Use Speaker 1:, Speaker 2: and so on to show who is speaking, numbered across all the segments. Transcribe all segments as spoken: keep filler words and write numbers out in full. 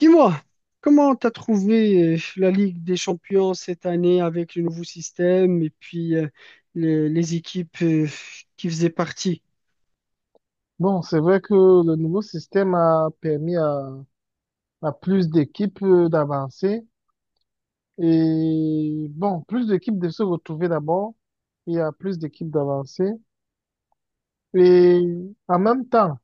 Speaker 1: Dis-moi, comment t'as trouvé euh, la Ligue des Champions cette année avec le nouveau système et puis euh, les, les équipes euh, qui faisaient partie?
Speaker 2: Bon, c'est vrai que le nouveau système a permis à, à plus d'équipes euh, d'avancer et bon, plus d'équipes de se retrouver d'abord et à plus d'équipes d'avancer. Et en même temps,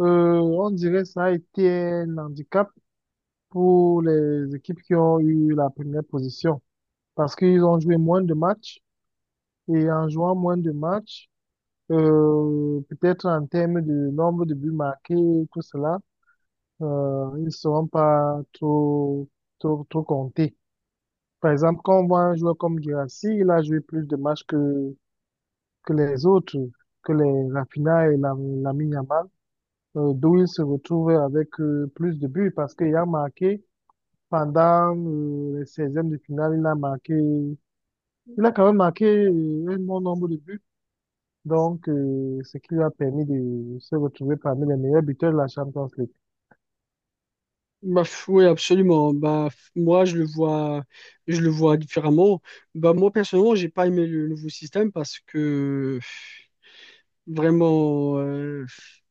Speaker 2: euh, on dirait que ça a été un handicap pour les équipes qui ont eu la première position parce qu'ils ont joué moins de matchs et en jouant moins de matchs, euh, peut-être en termes de nombre de buts marqués, tout cela. Euh, ils ne seront pas trop, trop, trop comptés. Par exemple, quand on voit un joueur comme Guirassy, il a joué plus de matchs que, que les autres, que les Raphinha et la, Lamine Yamal, euh, d'où il se retrouve avec euh, plus de buts parce qu'il a marqué pendant euh, les seizièmes de finale, il a marqué, il a quand même marqué euh, un bon nombre de buts. Donc, euh, ce qui lui a permis de se retrouver parmi les meilleurs buteurs de la Champions League.
Speaker 1: Bah, f- oui, absolument. Bah, f- moi, je le vois, je le vois différemment. Bah, moi, personnellement, j'ai pas aimé le nouveau système parce que euh, vraiment, euh,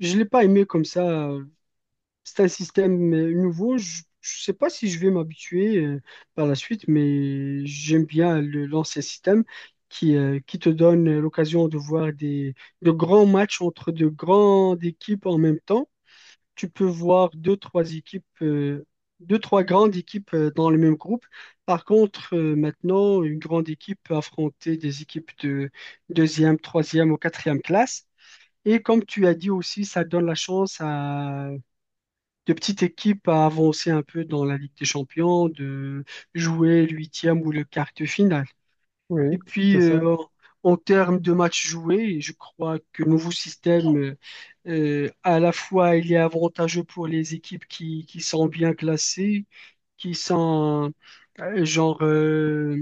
Speaker 1: je l'ai pas aimé comme ça. C'est un système euh, nouveau. Je ne sais pas si je vais m'habituer euh, par la suite, mais j'aime bien le- l'ancien système qui, euh, qui te donne l'occasion de voir des, de grands matchs entre de grandes équipes en même temps. Tu peux voir deux, trois équipes, euh, deux, trois grandes équipes euh, dans le même groupe. Par contre, euh, maintenant, une grande équipe peut affronter des équipes de deuxième, troisième ou quatrième classe. Et comme tu as dit aussi, ça donne la chance à de petites équipes à avancer un peu dans la Ligue des Champions, de jouer l'huitième ou le quart de finale. Et
Speaker 2: Oui,
Speaker 1: puis,
Speaker 2: c'est ça.
Speaker 1: euh, en termes de matchs joués, je crois que le nouveau système, euh, euh, à la fois, il est avantageux pour les équipes qui, qui sont bien classées, qui sont euh, genre... euh,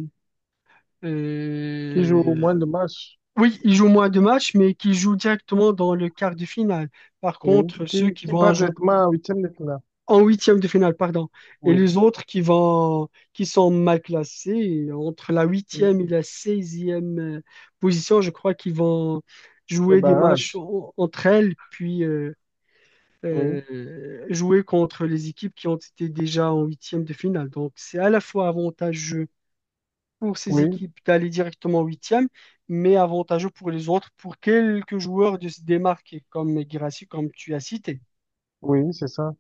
Speaker 2: Qui joue au
Speaker 1: euh,
Speaker 2: moins de matchs.
Speaker 1: oui, ils jouent moins de matchs, mais qui jouent directement dans le quart de finale. Par
Speaker 2: Oui,
Speaker 1: contre, ceux
Speaker 2: qui,
Speaker 1: qui
Speaker 2: qui
Speaker 1: vont
Speaker 2: prend
Speaker 1: ajouter
Speaker 2: directement en huitième de finale.
Speaker 1: en huitième de finale, pardon. Et
Speaker 2: Oui,
Speaker 1: les autres qui vont, qui sont mal classés, entre la huitième et
Speaker 2: Mm.
Speaker 1: la seizième euh, position, je crois qu'ils vont
Speaker 2: Le
Speaker 1: jouer des matchs
Speaker 2: barrage.
Speaker 1: en- entre elles, puis euh,
Speaker 2: Oui,
Speaker 1: euh, jouer contre les équipes qui ont été déjà en huitième de finale. Donc, c'est à la fois avantageux pour ces
Speaker 2: oui,
Speaker 1: équipes d'aller directement en huitième, mais avantageux pour les autres, pour quelques joueurs de se démarquer, comme Guirassy, comme tu as cité.
Speaker 2: oui, c'est ça.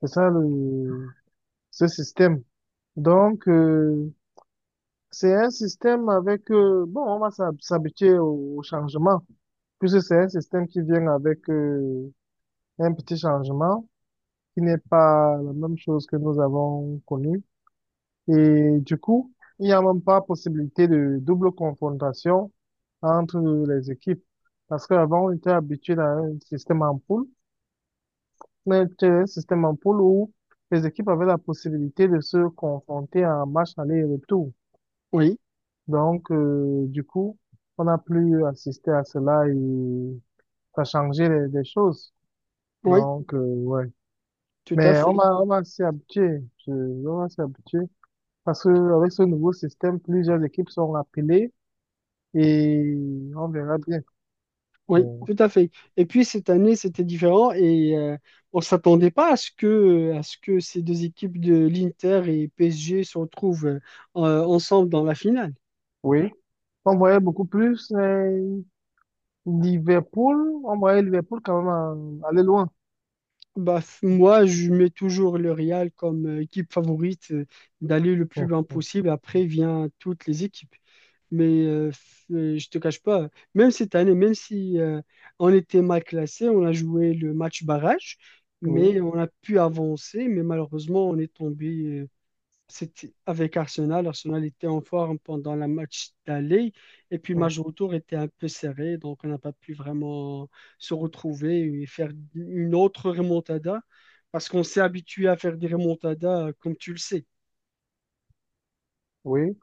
Speaker 2: C'est ça le, ce système. Donc, euh, c'est un système avec, euh, bon, on va s'hab- s'habituer au, au changement, puisque c'est un système qui vient avec euh, un petit changement qui n'est pas la même chose que nous avons connue. Et du coup, il n'y a même pas possibilité de double confrontation entre les équipes. Parce qu'avant, on était habitué à un système en poule, mais c'était un système en poule où les équipes avaient la possibilité de se confronter en match aller et retour.
Speaker 1: Oui,
Speaker 2: Donc, euh, du coup, on n'a plus assisté à cela et ça a changé les, les choses.
Speaker 1: oui,
Speaker 2: Donc, euh, ouais.
Speaker 1: tout à
Speaker 2: Mais on
Speaker 1: fait.
Speaker 2: va, on va s'y habituer. Je- on va s'y habituer. Parce que avec ce nouveau système, plusieurs équipes sont appelées et on verra bien.
Speaker 1: Oui,
Speaker 2: Euh,
Speaker 1: tout à fait. Et puis cette année, c'était différent et euh, on s'attendait pas à ce que, à ce que ces deux équipes de l'Inter et P S G se retrouvent euh, en- ensemble dans la finale.
Speaker 2: Oui. On voyait beaucoup plus euh, Liverpool. On voyait Liverpool quand même euh, aller loin.
Speaker 1: Bah, f- moi, je mets toujours le Real comme euh, équipe favorite euh, d'aller le plus
Speaker 2: Hum,
Speaker 1: loin
Speaker 2: hum,
Speaker 1: possible. Après, vient toutes les équipes. Mais euh, f- euh, je te cache pas, même cette année, même si euh, on était mal classé, on a joué le match barrage,
Speaker 2: oui.
Speaker 1: mais on a pu avancer. Mais malheureusement, on est tombé euh, c'était avec Arsenal. Arsenal était en forme pendant la match d'aller. Et puis, le
Speaker 2: Hum,
Speaker 1: match de retour était un peu serré. Donc, on n'a pas pu vraiment se retrouver et faire une autre remontada. Parce qu'on s'est habitué à faire des remontadas, comme tu le sais.
Speaker 2: oui.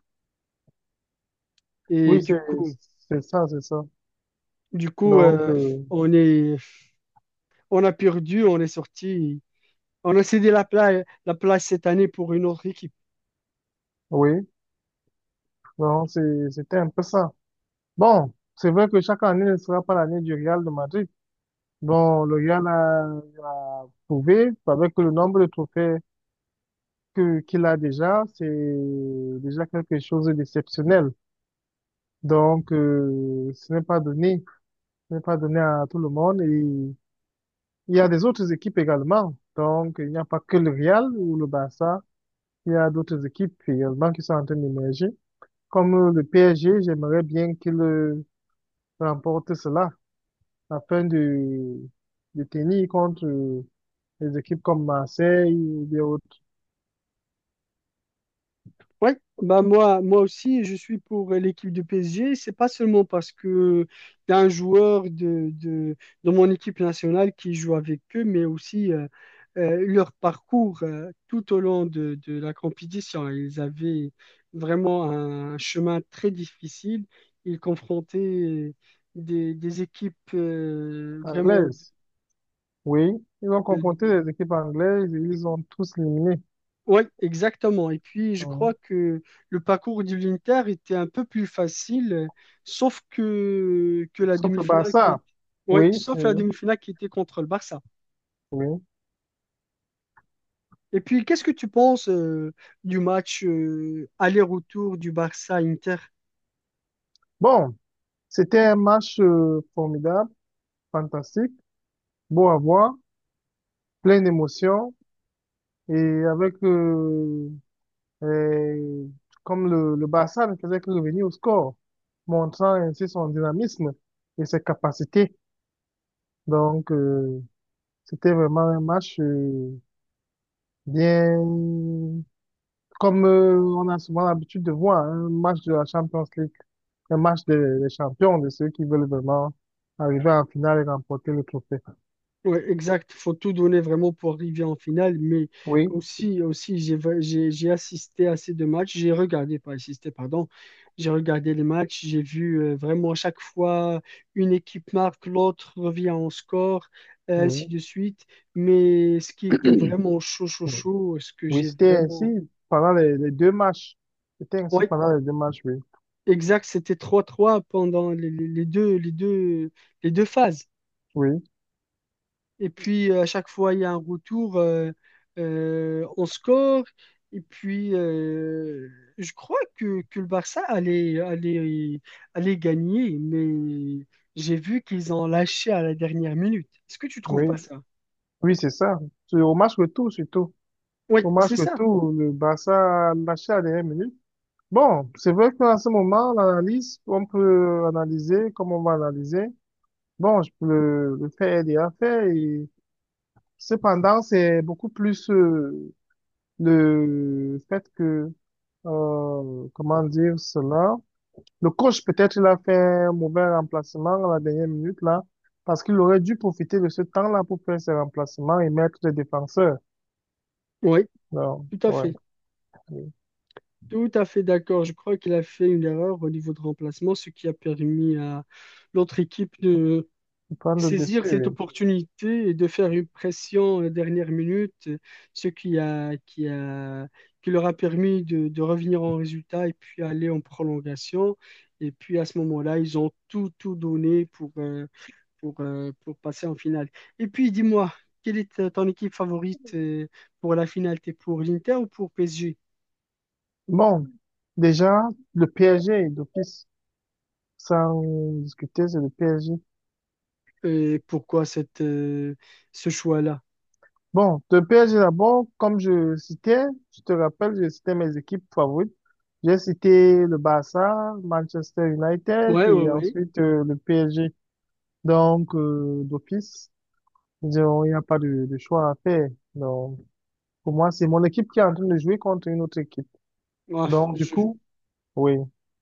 Speaker 1: Et
Speaker 2: Oui,
Speaker 1: du
Speaker 2: c'est
Speaker 1: coup,
Speaker 2: c'est ça, c'est ça.
Speaker 1: du coup
Speaker 2: Donc,
Speaker 1: euh,
Speaker 2: euh,
Speaker 1: on est, on a perdu, on est sorti. On a cédé la place, la place cette année pour une autre équipe.
Speaker 2: oui. Donc, c'est- c'était un peu ça. Bon, c'est vrai que chaque année ne sera pas l'année du Real de Madrid. Bon, le Real a, a prouvé avec le nombre de trophées que qu'il a déjà, c'est déjà quelque chose d'exceptionnel. Donc, euh, ce n'est pas donné. Ce n'est pas donné à tout le monde. Et il y a des autres équipes également. Donc, il n'y a pas que le Real ou le Barça. Il y a d'autres équipes également qui sont en train d'émerger. Comme euh, le P S G, j'aimerais bien qu'il euh, remporte cela afin de, de tenir contre euh, les équipes comme Marseille ou des autres
Speaker 1: Oui, bah moi, moi aussi, je suis pour l'équipe du P S G. C'est pas seulement parce que y a un joueur de, de, de mon équipe nationale qui joue avec eux, mais aussi euh, euh, leur parcours euh, tout au long de, de la compétition. Ils avaient vraiment un chemin très difficile. Ils confrontaient des, des équipes euh, vraiment
Speaker 2: anglaises. Oui, ils ont
Speaker 1: de,
Speaker 2: confronté les équipes anglaises et ils ont tous éliminé.
Speaker 1: oui, exactement. Et puis, je crois
Speaker 2: Donc,
Speaker 1: que le parcours du l'Inter était un peu plus facile, euh, sauf que, que la
Speaker 2: sauf le
Speaker 1: demi-finale qui est...
Speaker 2: Barça.
Speaker 1: ouais,
Speaker 2: Oui, c'est,
Speaker 1: sauf la demi-finale qui était contre le Barça.
Speaker 2: oui.
Speaker 1: Et puis, qu'est-ce que tu penses euh, du match euh, aller-retour du Barça-Inter?
Speaker 2: Bon. C'était un match euh, formidable, fantastique, beau à voir, plein d'émotions et avec euh, euh, comme le, le Barça ne faisait que revenir au score, montrant ainsi son dynamisme et ses capacités. Donc euh, c'était vraiment un match euh, bien comme euh, on a souvent l'habitude de voir hein, un match de la Champions League, un match des des champions, de ceux qui veulent vraiment arriver en finale et remporter le trophée.
Speaker 1: Ouais, exact. Faut tout donner vraiment pour arriver en finale. Mais
Speaker 2: Oui,
Speaker 1: aussi, aussi, j'ai, j'ai, j'ai assisté à ces deux matchs. J'ai regardé, pas assisté, pardon. J'ai regardé les matchs. J'ai vu euh, vraiment à chaque fois une équipe marque, l'autre revient en score, et ainsi
Speaker 2: oui.
Speaker 1: de suite. Mais ce qui était vraiment chaud, chaud, chaud, ce que
Speaker 2: Oui,
Speaker 1: j'ai
Speaker 2: c'était ainsi
Speaker 1: vraiment.
Speaker 2: pendant les, les deux matchs. C'était ainsi
Speaker 1: Ouais,
Speaker 2: pendant les deux matchs, oui.
Speaker 1: exact. C'était trois trois pendant les, les les deux, les deux, les deux phases.
Speaker 2: Oui,
Speaker 1: Et puis, euh, à chaque fois, il y a un retour, euh, euh, on score. Et puis, euh, je crois que, que le Barça allait, allait, allait gagner, mais j'ai vu qu'ils ont lâché à la dernière minute. Est-ce que tu trouves
Speaker 2: oui,
Speaker 1: pas ça?
Speaker 2: oui, c'est ça. C'est Au match retour, surtout.
Speaker 1: Oui,
Speaker 2: Au match
Speaker 1: c'est ça.
Speaker 2: retour, le Barça a lâché à la dernière minute. Bon, c'est vrai qu'à ce moment, l'analyse, on peut analyser comme on va analyser. Bon, je peux le, le faire aider à faire. Et cependant, c'est beaucoup plus euh, le fait que, euh, comment dire cela, le coach, peut-être, il a fait un mauvais remplacement à la dernière minute, là, parce qu'il aurait dû profiter de ce temps-là pour faire ses remplacements et mettre les défenseurs.
Speaker 1: Oui,
Speaker 2: Non,
Speaker 1: tout à
Speaker 2: ouais,
Speaker 1: fait. Tout à fait d'accord. Je crois qu'il a fait une erreur au niveau de remplacement, ce qui a permis à l'autre équipe de,
Speaker 2: pour prendre le dessus.
Speaker 1: saisir cette
Speaker 2: Oui.
Speaker 1: opportunité et de faire une pression à la dernière minute, ce qui a, qui a, qui leur a permis de, de revenir en résultat et puis aller en prolongation. Et puis à ce moment-là, ils ont tout, tout donné pour, euh, pour, euh, pour passer en finale. Et puis dis-moi, quelle est ta- ton équipe favorite euh, pour la finale? T'es pour l'Inter ou pour P S G?
Speaker 2: Bon, déjà, le P S G d'office, sans discuter, c'est le P S G.
Speaker 1: Et pourquoi cette, euh, ce choix-là?
Speaker 2: Bon, le P S G d'abord, comme je citais, je te rappelle, je citais mes équipes favorites. J'ai cité le Barça, Manchester United
Speaker 1: Ouais, ouais,
Speaker 2: et
Speaker 1: ouais.
Speaker 2: ensuite euh, le P S G. Donc, euh, d'office. Disons, il n'y a pas de, de choix à faire. Donc, pour moi, c'est mon équipe qui est en train de jouer contre une autre équipe.
Speaker 1: Ouais,
Speaker 2: Donc, du
Speaker 1: je,
Speaker 2: coup, oui,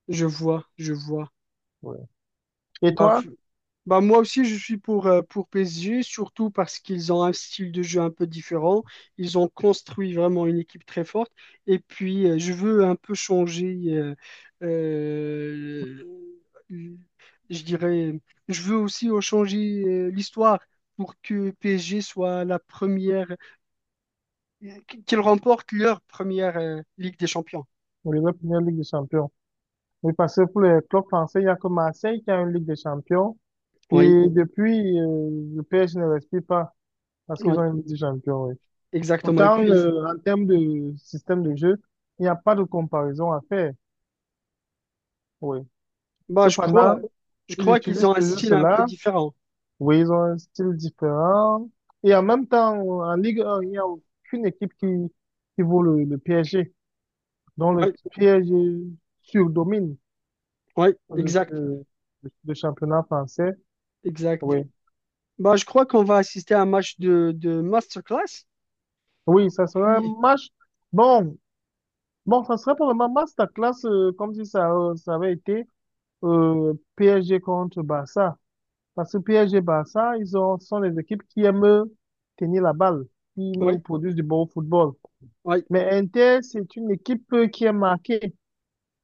Speaker 1: je vois, je vois.
Speaker 2: oui. Et
Speaker 1: Bah,
Speaker 2: toi,
Speaker 1: Bah moi aussi, je suis pour, euh, pour P S G, surtout parce qu'ils ont un style de jeu un peu différent. Ils ont construit vraiment une équipe très forte. Et puis, euh, je veux un peu changer, euh, euh, je dirais, je veux aussi euh, changer euh, l'histoire pour que P S G soit la première, qu'ils remportent leur première euh, Ligue des Champions.
Speaker 2: pour la première Ligue des Champions? Oui, parce que pour les clubs français, il n'y a que Marseille qui a une Ligue des Champions.
Speaker 1: Oui,
Speaker 2: Et depuis, euh, le P S G ne respire pas parce qu'ils ont
Speaker 1: oui,
Speaker 2: une Ligue des Champions, oui.
Speaker 1: exactement. Et
Speaker 2: Pourtant,
Speaker 1: puis, ils-
Speaker 2: euh, en termes de système de jeu, il n'y a pas de comparaison à faire, oui.
Speaker 1: bah, je crois,
Speaker 2: Cependant,
Speaker 1: je
Speaker 2: ils
Speaker 1: crois qu'ils
Speaker 2: utilisent
Speaker 1: ont un
Speaker 2: toujours
Speaker 1: style un peu
Speaker 2: cela.
Speaker 1: différent.
Speaker 2: Oui, ils ont un style différent. Et en même temps, en Ligue un, il n'y a aucune équipe qui, qui vaut le, le P S G, dont le
Speaker 1: Oui,
Speaker 2: P S G surdomine
Speaker 1: oui,
Speaker 2: le,
Speaker 1: exact.
Speaker 2: le, le championnat français.
Speaker 1: Exact.
Speaker 2: Oui.
Speaker 1: Bah, je crois qu'on va assister à un match de, de masterclass.
Speaker 2: Oui, ça serait un
Speaker 1: Puis,
Speaker 2: match. Bon, bon, ça serait probablement un masterclass, euh, comme si ça, euh, ça avait été euh, P S G contre Barça. Parce que P S G Barça, ils ont, sont les équipes qui aiment tenir la balle, qui nous
Speaker 1: oui,
Speaker 2: produisent du bon football.
Speaker 1: oui.
Speaker 2: Mais Inter, c'est une équipe euh, qui est marquée.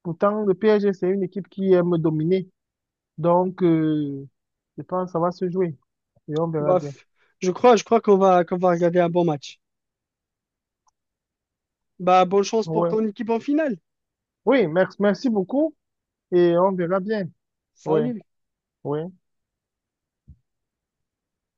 Speaker 2: Pourtant, le P S G, c'est une équipe qui aime dominer. Donc, euh, je pense que ça va se jouer. Et on verra
Speaker 1: Bah,
Speaker 2: bien.
Speaker 1: f- je crois, je crois qu'on va, qu'on va regarder un bon match. Bah, bonne chance pour
Speaker 2: Ouais.
Speaker 1: ton équipe en finale.
Speaker 2: Oui, merci, merci beaucoup. Et on verra bien. Oui,
Speaker 1: Salut.
Speaker 2: oui.